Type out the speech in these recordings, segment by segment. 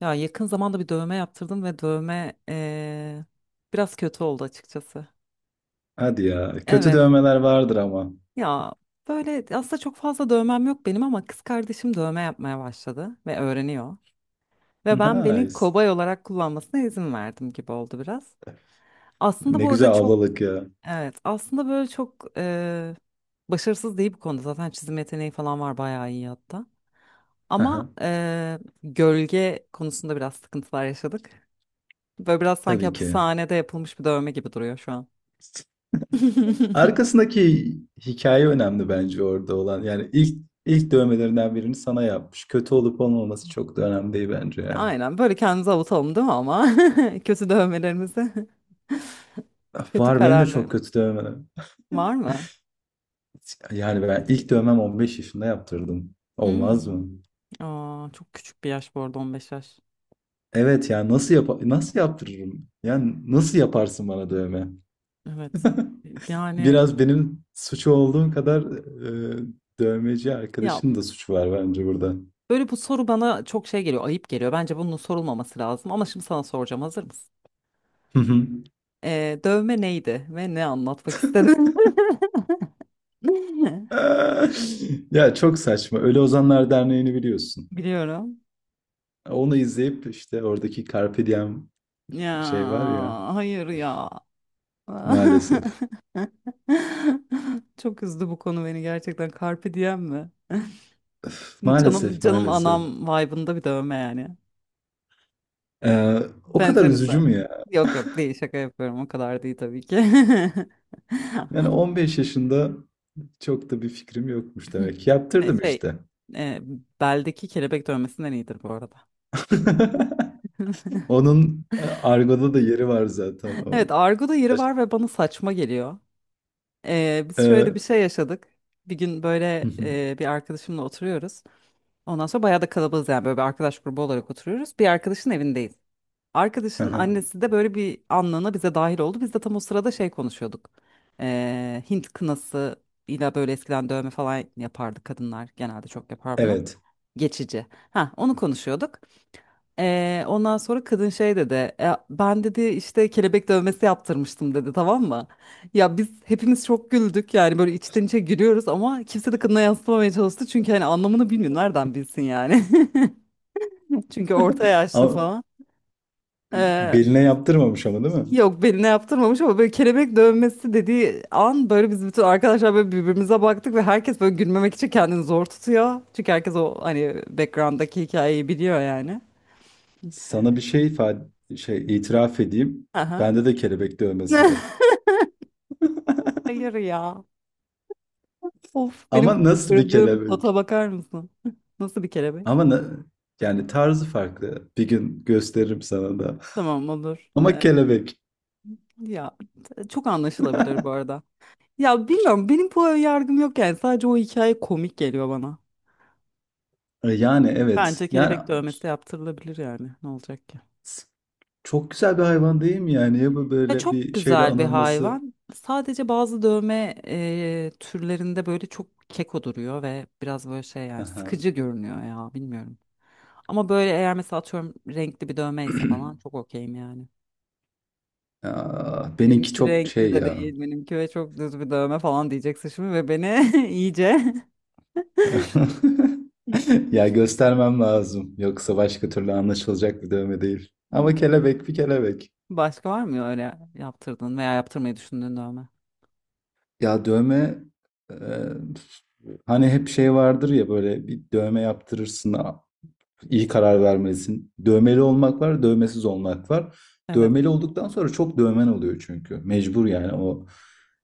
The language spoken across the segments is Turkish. Ya yakın zamanda bir dövme yaptırdım ve dövme biraz kötü oldu açıkçası. Hadi ya. Kötü Evet. dövmeler vardır ama. Ya böyle aslında çok fazla dövmem yok benim ama kız kardeşim dövme yapmaya başladı ve öğreniyor. Ve ben beni Nice. kobay olarak kullanmasına izin verdim gibi oldu biraz. Aslında Ne bu arada güzel çok ablalık ya. evet aslında böyle çok başarısız değil bu konuda. Zaten çizim yeteneği falan var bayağı iyi hatta. Aha. Ama gölge konusunda biraz sıkıntılar yaşadık. Böyle biraz sanki Tabii ki. hapishanede yapılmış bir dövme gibi duruyor şu an. Arkasındaki hikaye önemli bence orada olan. Yani ilk dövmelerinden birini sana yapmış. Kötü olup olmaması çok da önemli değil bence ya. Aynen böyle kendimizi avutalım değil mi ama? Kötü dövmelerimizi, kötü Var benim de çok kararlarımız kötü dövmelerim. var mı? Yani ben ilk dövmem 15 yaşında yaptırdım. Olmaz Hmm. mı? Aa, çok küçük bir yaş bu arada 15 yaş. Evet ya nasıl yap nasıl yaptırırım? Yani nasıl yaparsın bana dövme? Evet. Yani Biraz benim suçu olduğum kadar e, dövmeci ya arkadaşın da suçu var bence burada. böyle bu soru bana çok şey geliyor, ayıp geliyor. Bence bunun sorulmaması lazım ama şimdi sana soracağım. Hazır mısın? Hı hı. Dövme neydi ve ne anlatmak istedin? Ya çok saçma. Ölü Ozanlar Derneği'ni biliyorsun. Biliyorum. Onu izleyip işte oradaki Carpe Diem Ya şey var ya, hayır ya. maalesef. Çok üzdü bu konu beni gerçekten. Carpe diem mi? Öf, Canım maalesef, canım maalesef. anam vibe'ında bir dövme yani. Ee, O kadar Benzeriz üzücü mü zaten. ya? Yok yok değil şaka yapıyorum o kadar değil tabii ki. Yani 15 yaşında çok da bir fikrim yokmuş demek ki. Yaptırdım Şey işte. e, beldeki kelebek dövmesinden iyidir bu arada. Onun argoda da yeri var zaten. Evet O. argoda yeri Baş- var ve bana saçma geliyor. Biz şöyle bir Ee, şey yaşadık. Bir gün böyle bir arkadaşımla oturuyoruz. Ondan sonra bayağı da kalabalığız yani böyle bir arkadaş grubu olarak oturuyoruz. Bir arkadaşın evindeyiz. Arkadaşın Hı. annesi de böyle bir anlığına bize dahil oldu. Biz de tam o sırada şey konuşuyorduk. Hint kınası ile böyle eskiden dövme falan yapardı kadınlar. Genelde çok yapar bunu. Evet. Geçici. Ha onu konuşuyorduk. Ondan sonra kadın şey dedi. "E, ben dedi işte kelebek dövmesi yaptırmıştım dedi tamam mı? Ya biz hepimiz çok güldük yani böyle içten içe gülüyoruz ama kimse de kadına yansıtmamaya çalıştı. Çünkü hani anlamını bilmiyor nereden bilsin yani. Çünkü orta yaşlı Ama falan. Ee, beline yaptırmamış ama değil mi? Yok beline yaptırmamış ama böyle kelebek dövmesi dediği an böyle biz bütün arkadaşlar böyle birbirimize baktık ve herkes böyle gülmemek için kendini zor tutuyor. Çünkü herkes o hani background'daki hikayeyi biliyor yani. Sana bir şey ifade, şey itiraf edeyim. Aha. Bende de kelebek dövmesi var. Hayır ya. Of benim Ama nasıl bir kırdığım kota kelebek? bakar mısın? Nasıl bir kelebek? Ama na- yani tarzı farklı. Bir gün gösteririm sana da. Tamam olur. Ama kelebek. Ya çok anlaşılabilir bu arada. Ya bilmiyorum benim bu yargım yok yani sadece o hikaye komik geliyor bana. Yani evet. Bence Yani kelebek dövmesi yaptırılabilir yani ne olacak ki? s- çok güzel bir hayvan değil mi yani? Ya bu Ya böyle çok bir şeyle güzel bir anılması. hayvan. Sadece bazı dövme türlerinde böyle çok keko duruyor ve biraz böyle şey Hı yani hı. sıkıcı görünüyor ya bilmiyorum. Ama böyle eğer mesela atıyorum renkli bir dövmeyse falan çok okeyim yani. Benimki Benimki çok renkli şey de ya. değil. Benimki ve çok düz bir dövme falan diyeceksin şimdi ve beni iyice Ya göstermem lazım. Yoksa başka türlü anlaşılacak bir dövme değil. Ama kelebek bir kelebek. başka var mı öyle yaptırdın veya yaptırmayı düşündüğün dövme? Ya dövme, e, hani hep şey vardır ya, böyle bir dövme yaptırırsın a- iyi karar vermelisin. Dövmeli olmak var, dövmesiz olmak var. Evet. Dövmeli olduktan sonra çok dövmen oluyor çünkü. Mecbur yani o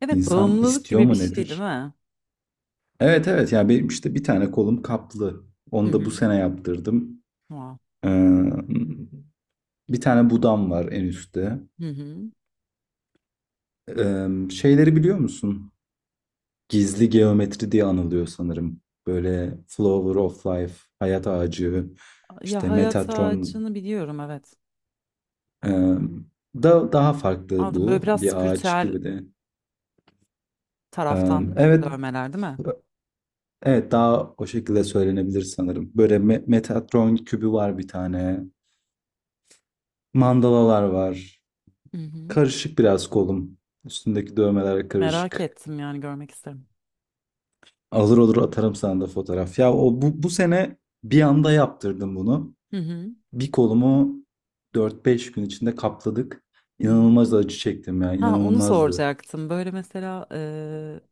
Evet, insan bağımlılık istiyor gibi bir mu şey değil nedir? mi? Evet, evet, yani benim işte bir tane kolum kaplı. Hı Onu da bu hı. sene yaptırdım. Wow. Ee, Bir tane budam var en üstte. Hı hı. Şeyleri biliyor musun? Gizli geometri diye anılıyor sanırım. Böyle Flower of Life, Hayat Ağacı, Ya işte hayat Metatron. ağacını biliyorum evet. ee, Daha farklı Aldım böyle bu. biraz Bir ağaç spiritüel gibi de. Taraftan Evet, dövmeler değil mi? evet, daha o şekilde söylenebilir sanırım. Böyle Me- Metatron kübü var bir tane. Mandalalar var. Hı hı. Karışık biraz kolum. Üstündeki dövmeler Merak karışık. ettim yani görmek isterim. Alır olur atarım sana da fotoğraf. Ya o bu, bu sene bir anda yaptırdım bunu. Hı hı. Bir kolumu dört beş gün içinde kapladık. Hı hı. İnanılmaz acı çektim ya, Ha onu inanılmazdı. soracaktım. Böyle mesela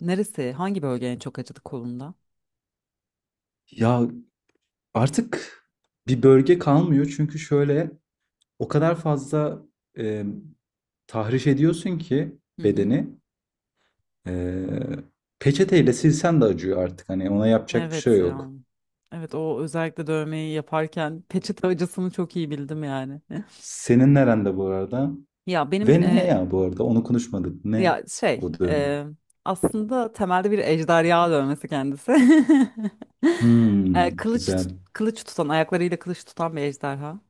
neresi, hangi bölge en çok acıdı kolunda? Ya artık bir bölge kalmıyor çünkü şöyle o kadar fazla e, tahriş ediyorsun ki Hı hı. bedeni, e, peçeteyle silsen de acıyor artık. Hani ona yapacak bir şey Evet ya. yok. Evet o özellikle dövmeyi yaparken peçete acısını çok iyi bildim yani. Senin nerende bu arada? Ya benim Ve ne e, ya bu arada? Onu konuşmadık. Ne ya şey o dövme? e, Aslında temelde bir ejderha dövmesi kendisi. Hmm, güzel. Kılıç tutan ayaklarıyla kılıç tutan bir ejderha.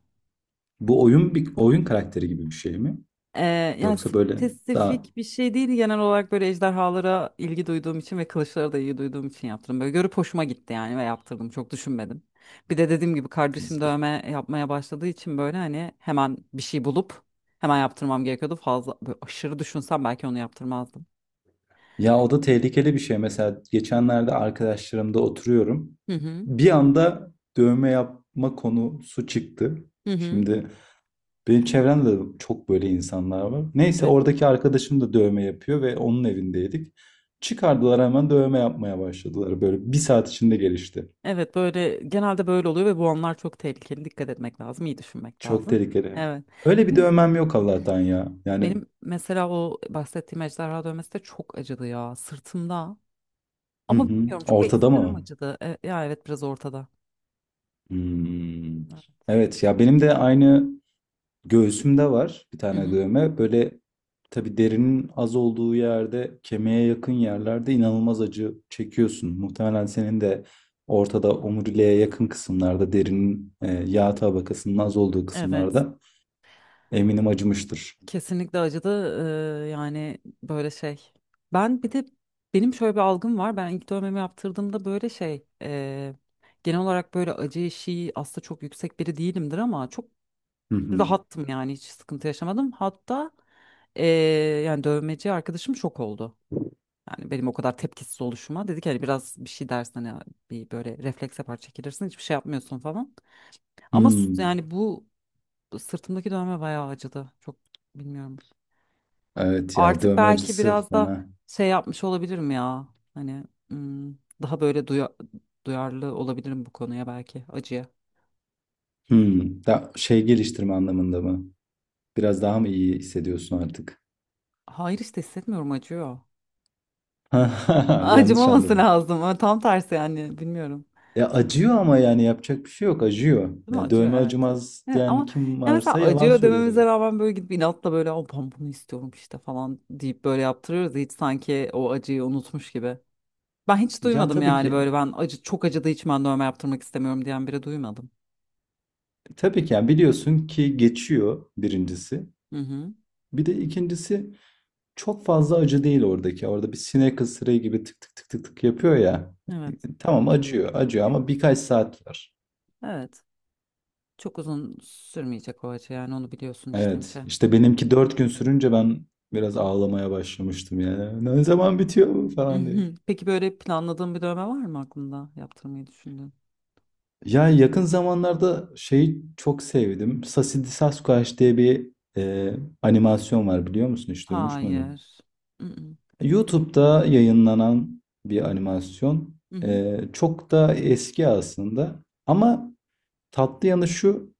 Bu oyun bir oyun karakteri gibi bir şey mi? Ee, Yani Yoksa böyle daha spesifik bir şey değil genel olarak böyle ejderhalara ilgi duyduğum için ve kılıçlara da ilgi duyduğum için yaptım. Böyle görüp hoşuma gitti yani ve yaptırdım çok düşünmedim. Bir de dediğim gibi kardeşim güzel. dövme yapmaya başladığı için böyle hani hemen bir şey bulup hemen yaptırmam gerekiyordu. Fazla böyle aşırı düşünsem belki onu yaptırmazdım. Ya o da tehlikeli bir şey. Mesela geçenlerde arkadaşlarımda oturuyorum. Hı hı. Bir anda dövme yapma konusu çıktı. Hı hı. Şimdi benim çevremde de çok böyle insanlar var. Neyse, Evet, oradaki arkadaşım da dövme yapıyor ve onun evindeydik. Çıkardılar, hemen dövme yapmaya başladılar. Böyle bir saat içinde gelişti. evet böyle genelde böyle oluyor ve bu anlar çok tehlikeli. Dikkat etmek lazım, iyi düşünmek Çok lazım. tehlikeli. Evet. Öyle bir Benim dövmem yok Allah'tan ya. Yani Benim mesela o bahsettiğim ejderha dövmesi de çok acıdı ya sırtımda. hı Ama hı. bilmiyorum çok Ortada ekstrem mı? acıdı. Ya evet biraz ortada. Hmm. Evet. Evet ya benim de aynı. Göğsümde var bir Hı tane hı. dövme. Böyle tabii derinin az olduğu yerde, kemiğe yakın yerlerde inanılmaz acı çekiyorsun. Muhtemelen senin de ortada omuriliğe yakın kısımlarda, derinin yağ tabakasının az olduğu Evet. kısımlarda eminim acımıştır. Kesinlikle acıdı. Yani böyle şey. Ben bir de benim şöyle bir algım var. Ben ilk dövmemi yaptırdığımda böyle genel olarak böyle acı eşiği aslında çok yüksek biri değilimdir ama çok Hı hı. rahattım yani hiç sıkıntı yaşamadım. Hatta e, yani dövmeci arkadaşım şok oldu. Yani benim o kadar tepkisiz oluşuma. Dedi ki hani biraz bir şey dersen hani bir böyle refleks yapar çekilirsin hiçbir şey yapmıyorsun falan. Ama Hmm. yani bu sırtımdaki dövme bayağı acıdı. Çok bilmiyorum. Evet ya, Artık dövme belki acısı biraz da fena. şey yapmış olabilirim ya. Hani hmm, daha böyle duyarlı olabilirim bu konuya belki acıya. Hmm. Da şey geliştirme anlamında mı? Biraz daha mı iyi hissediyorsun artık? Hayır işte hissetmiyorum acıyor. Yanlış Acımaması anladım. lazım, ama tam tersi yani bilmiyorum. Ya acıyor ama yani yapacak bir şey yok, acıyor. Değil mi? Yani Acıyor dövme evet. acımaz Evet diyen ama kim ya mesela varsa yalan acıyor söylüyor dememize demek. rağmen böyle gidip inatla böyle o ben bunu istiyorum işte falan deyip böyle yaptırıyoruz. Hiç sanki o acıyı unutmuş gibi. Ben hiç Ya duymadım tabii yani ki böyle ben acı çok acıdığı için ben dövme yaptırmak istemiyorum diyen biri duymadım. tabii ki yani biliyorsun ki geçiyor birincisi. Hı hı. Bir de ikincisi, çok fazla acı değil oradaki. Orada bir sinek ısırığı gibi tık tık tık tık tık yapıyor ya. Evet. Tamam, acıyor, acıyor Evet. ama birkaç saat var. Evet. Çok uzun sürmeyecek o acı yani onu biliyorsun içten içe. Evet Hı işte benimki dört gün sürünce ben biraz ağlamaya başlamıştım yani. Ne zaman bitiyor bu hı. Hı falan. hı. Peki böyle planladığın bir dövme var mı aklında yaptırmayı düşündüğün? Ya yakın zamanlarda şeyi çok sevdim. Sassy Sasquatch diye bir e, animasyon var, biliyor musun? Hiç duymuş muydun? Hayır. Hı hı. YouTube'da yayınlanan bir animasyon. Hı hı. E, çok da eski aslında. Ama tatlı yanı şu.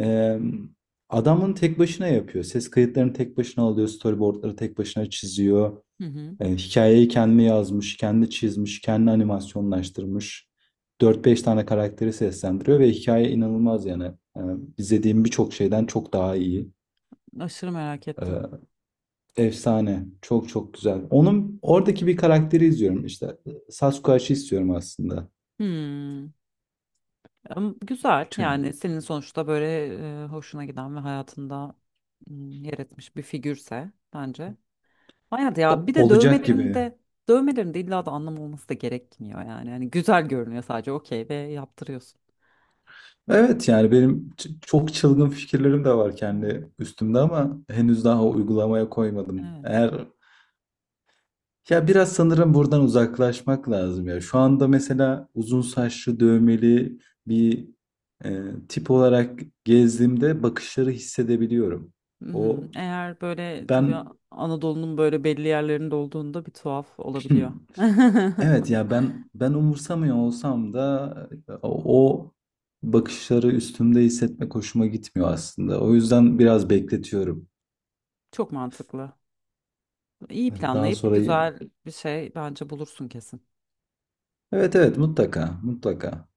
e, Adamın tek başına yapıyor. Ses kayıtlarını tek başına alıyor. Storyboardları tek başına çiziyor. Hı hı. E, hikayeyi kendi yazmış, kendi çizmiş, kendi animasyonlaştırmış. Dört beş tane karakteri seslendiriyor ve hikaye inanılmaz yani. E, izlediğim birçok şeyden çok daha iyi. Aşırı merak ettim. E, Efsane. Çok çok güzel. Onun oradaki bir karakteri izliyorum işte. Sasquatch'ı istiyorum aslında. Hmm. Ama güzel Tüm. yani senin sonuçta böyle hoşuna giden ve hayatında hmm, yer etmiş bir figürse bence. Hayat ya O- bir de olacak gibi. Dövmelerinde illa da anlam olması da gerekmiyor yani. Yani güzel görünüyor sadece okey ve yaptırıyorsun. Evet yani benim ç- çok çılgın fikirlerim de var Evet. kendi üstümde ama henüz daha uygulamaya koymadım. Evet. Eğer. Ya biraz sanırım buradan uzaklaşmak lazım ya. Şu anda mesela uzun saçlı dövmeli bir e, tip olarak gezdiğimde bakışları hissedebiliyorum. Mhm. O Eğer böyle tabii ben Anadolu'nun böyle belli yerlerinde olduğunda bir tuhaf olabiliyor. evet ya, ben umursamıyor olsam da o bakışları üstümde hissetmek hoşuma gitmiyor aslında. O yüzden biraz bekletiyorum. Çok mantıklı. İyi Daha planlayıp sonra, güzel bir şey bence bulursun kesin. evet, evet, mutlaka, mutlaka.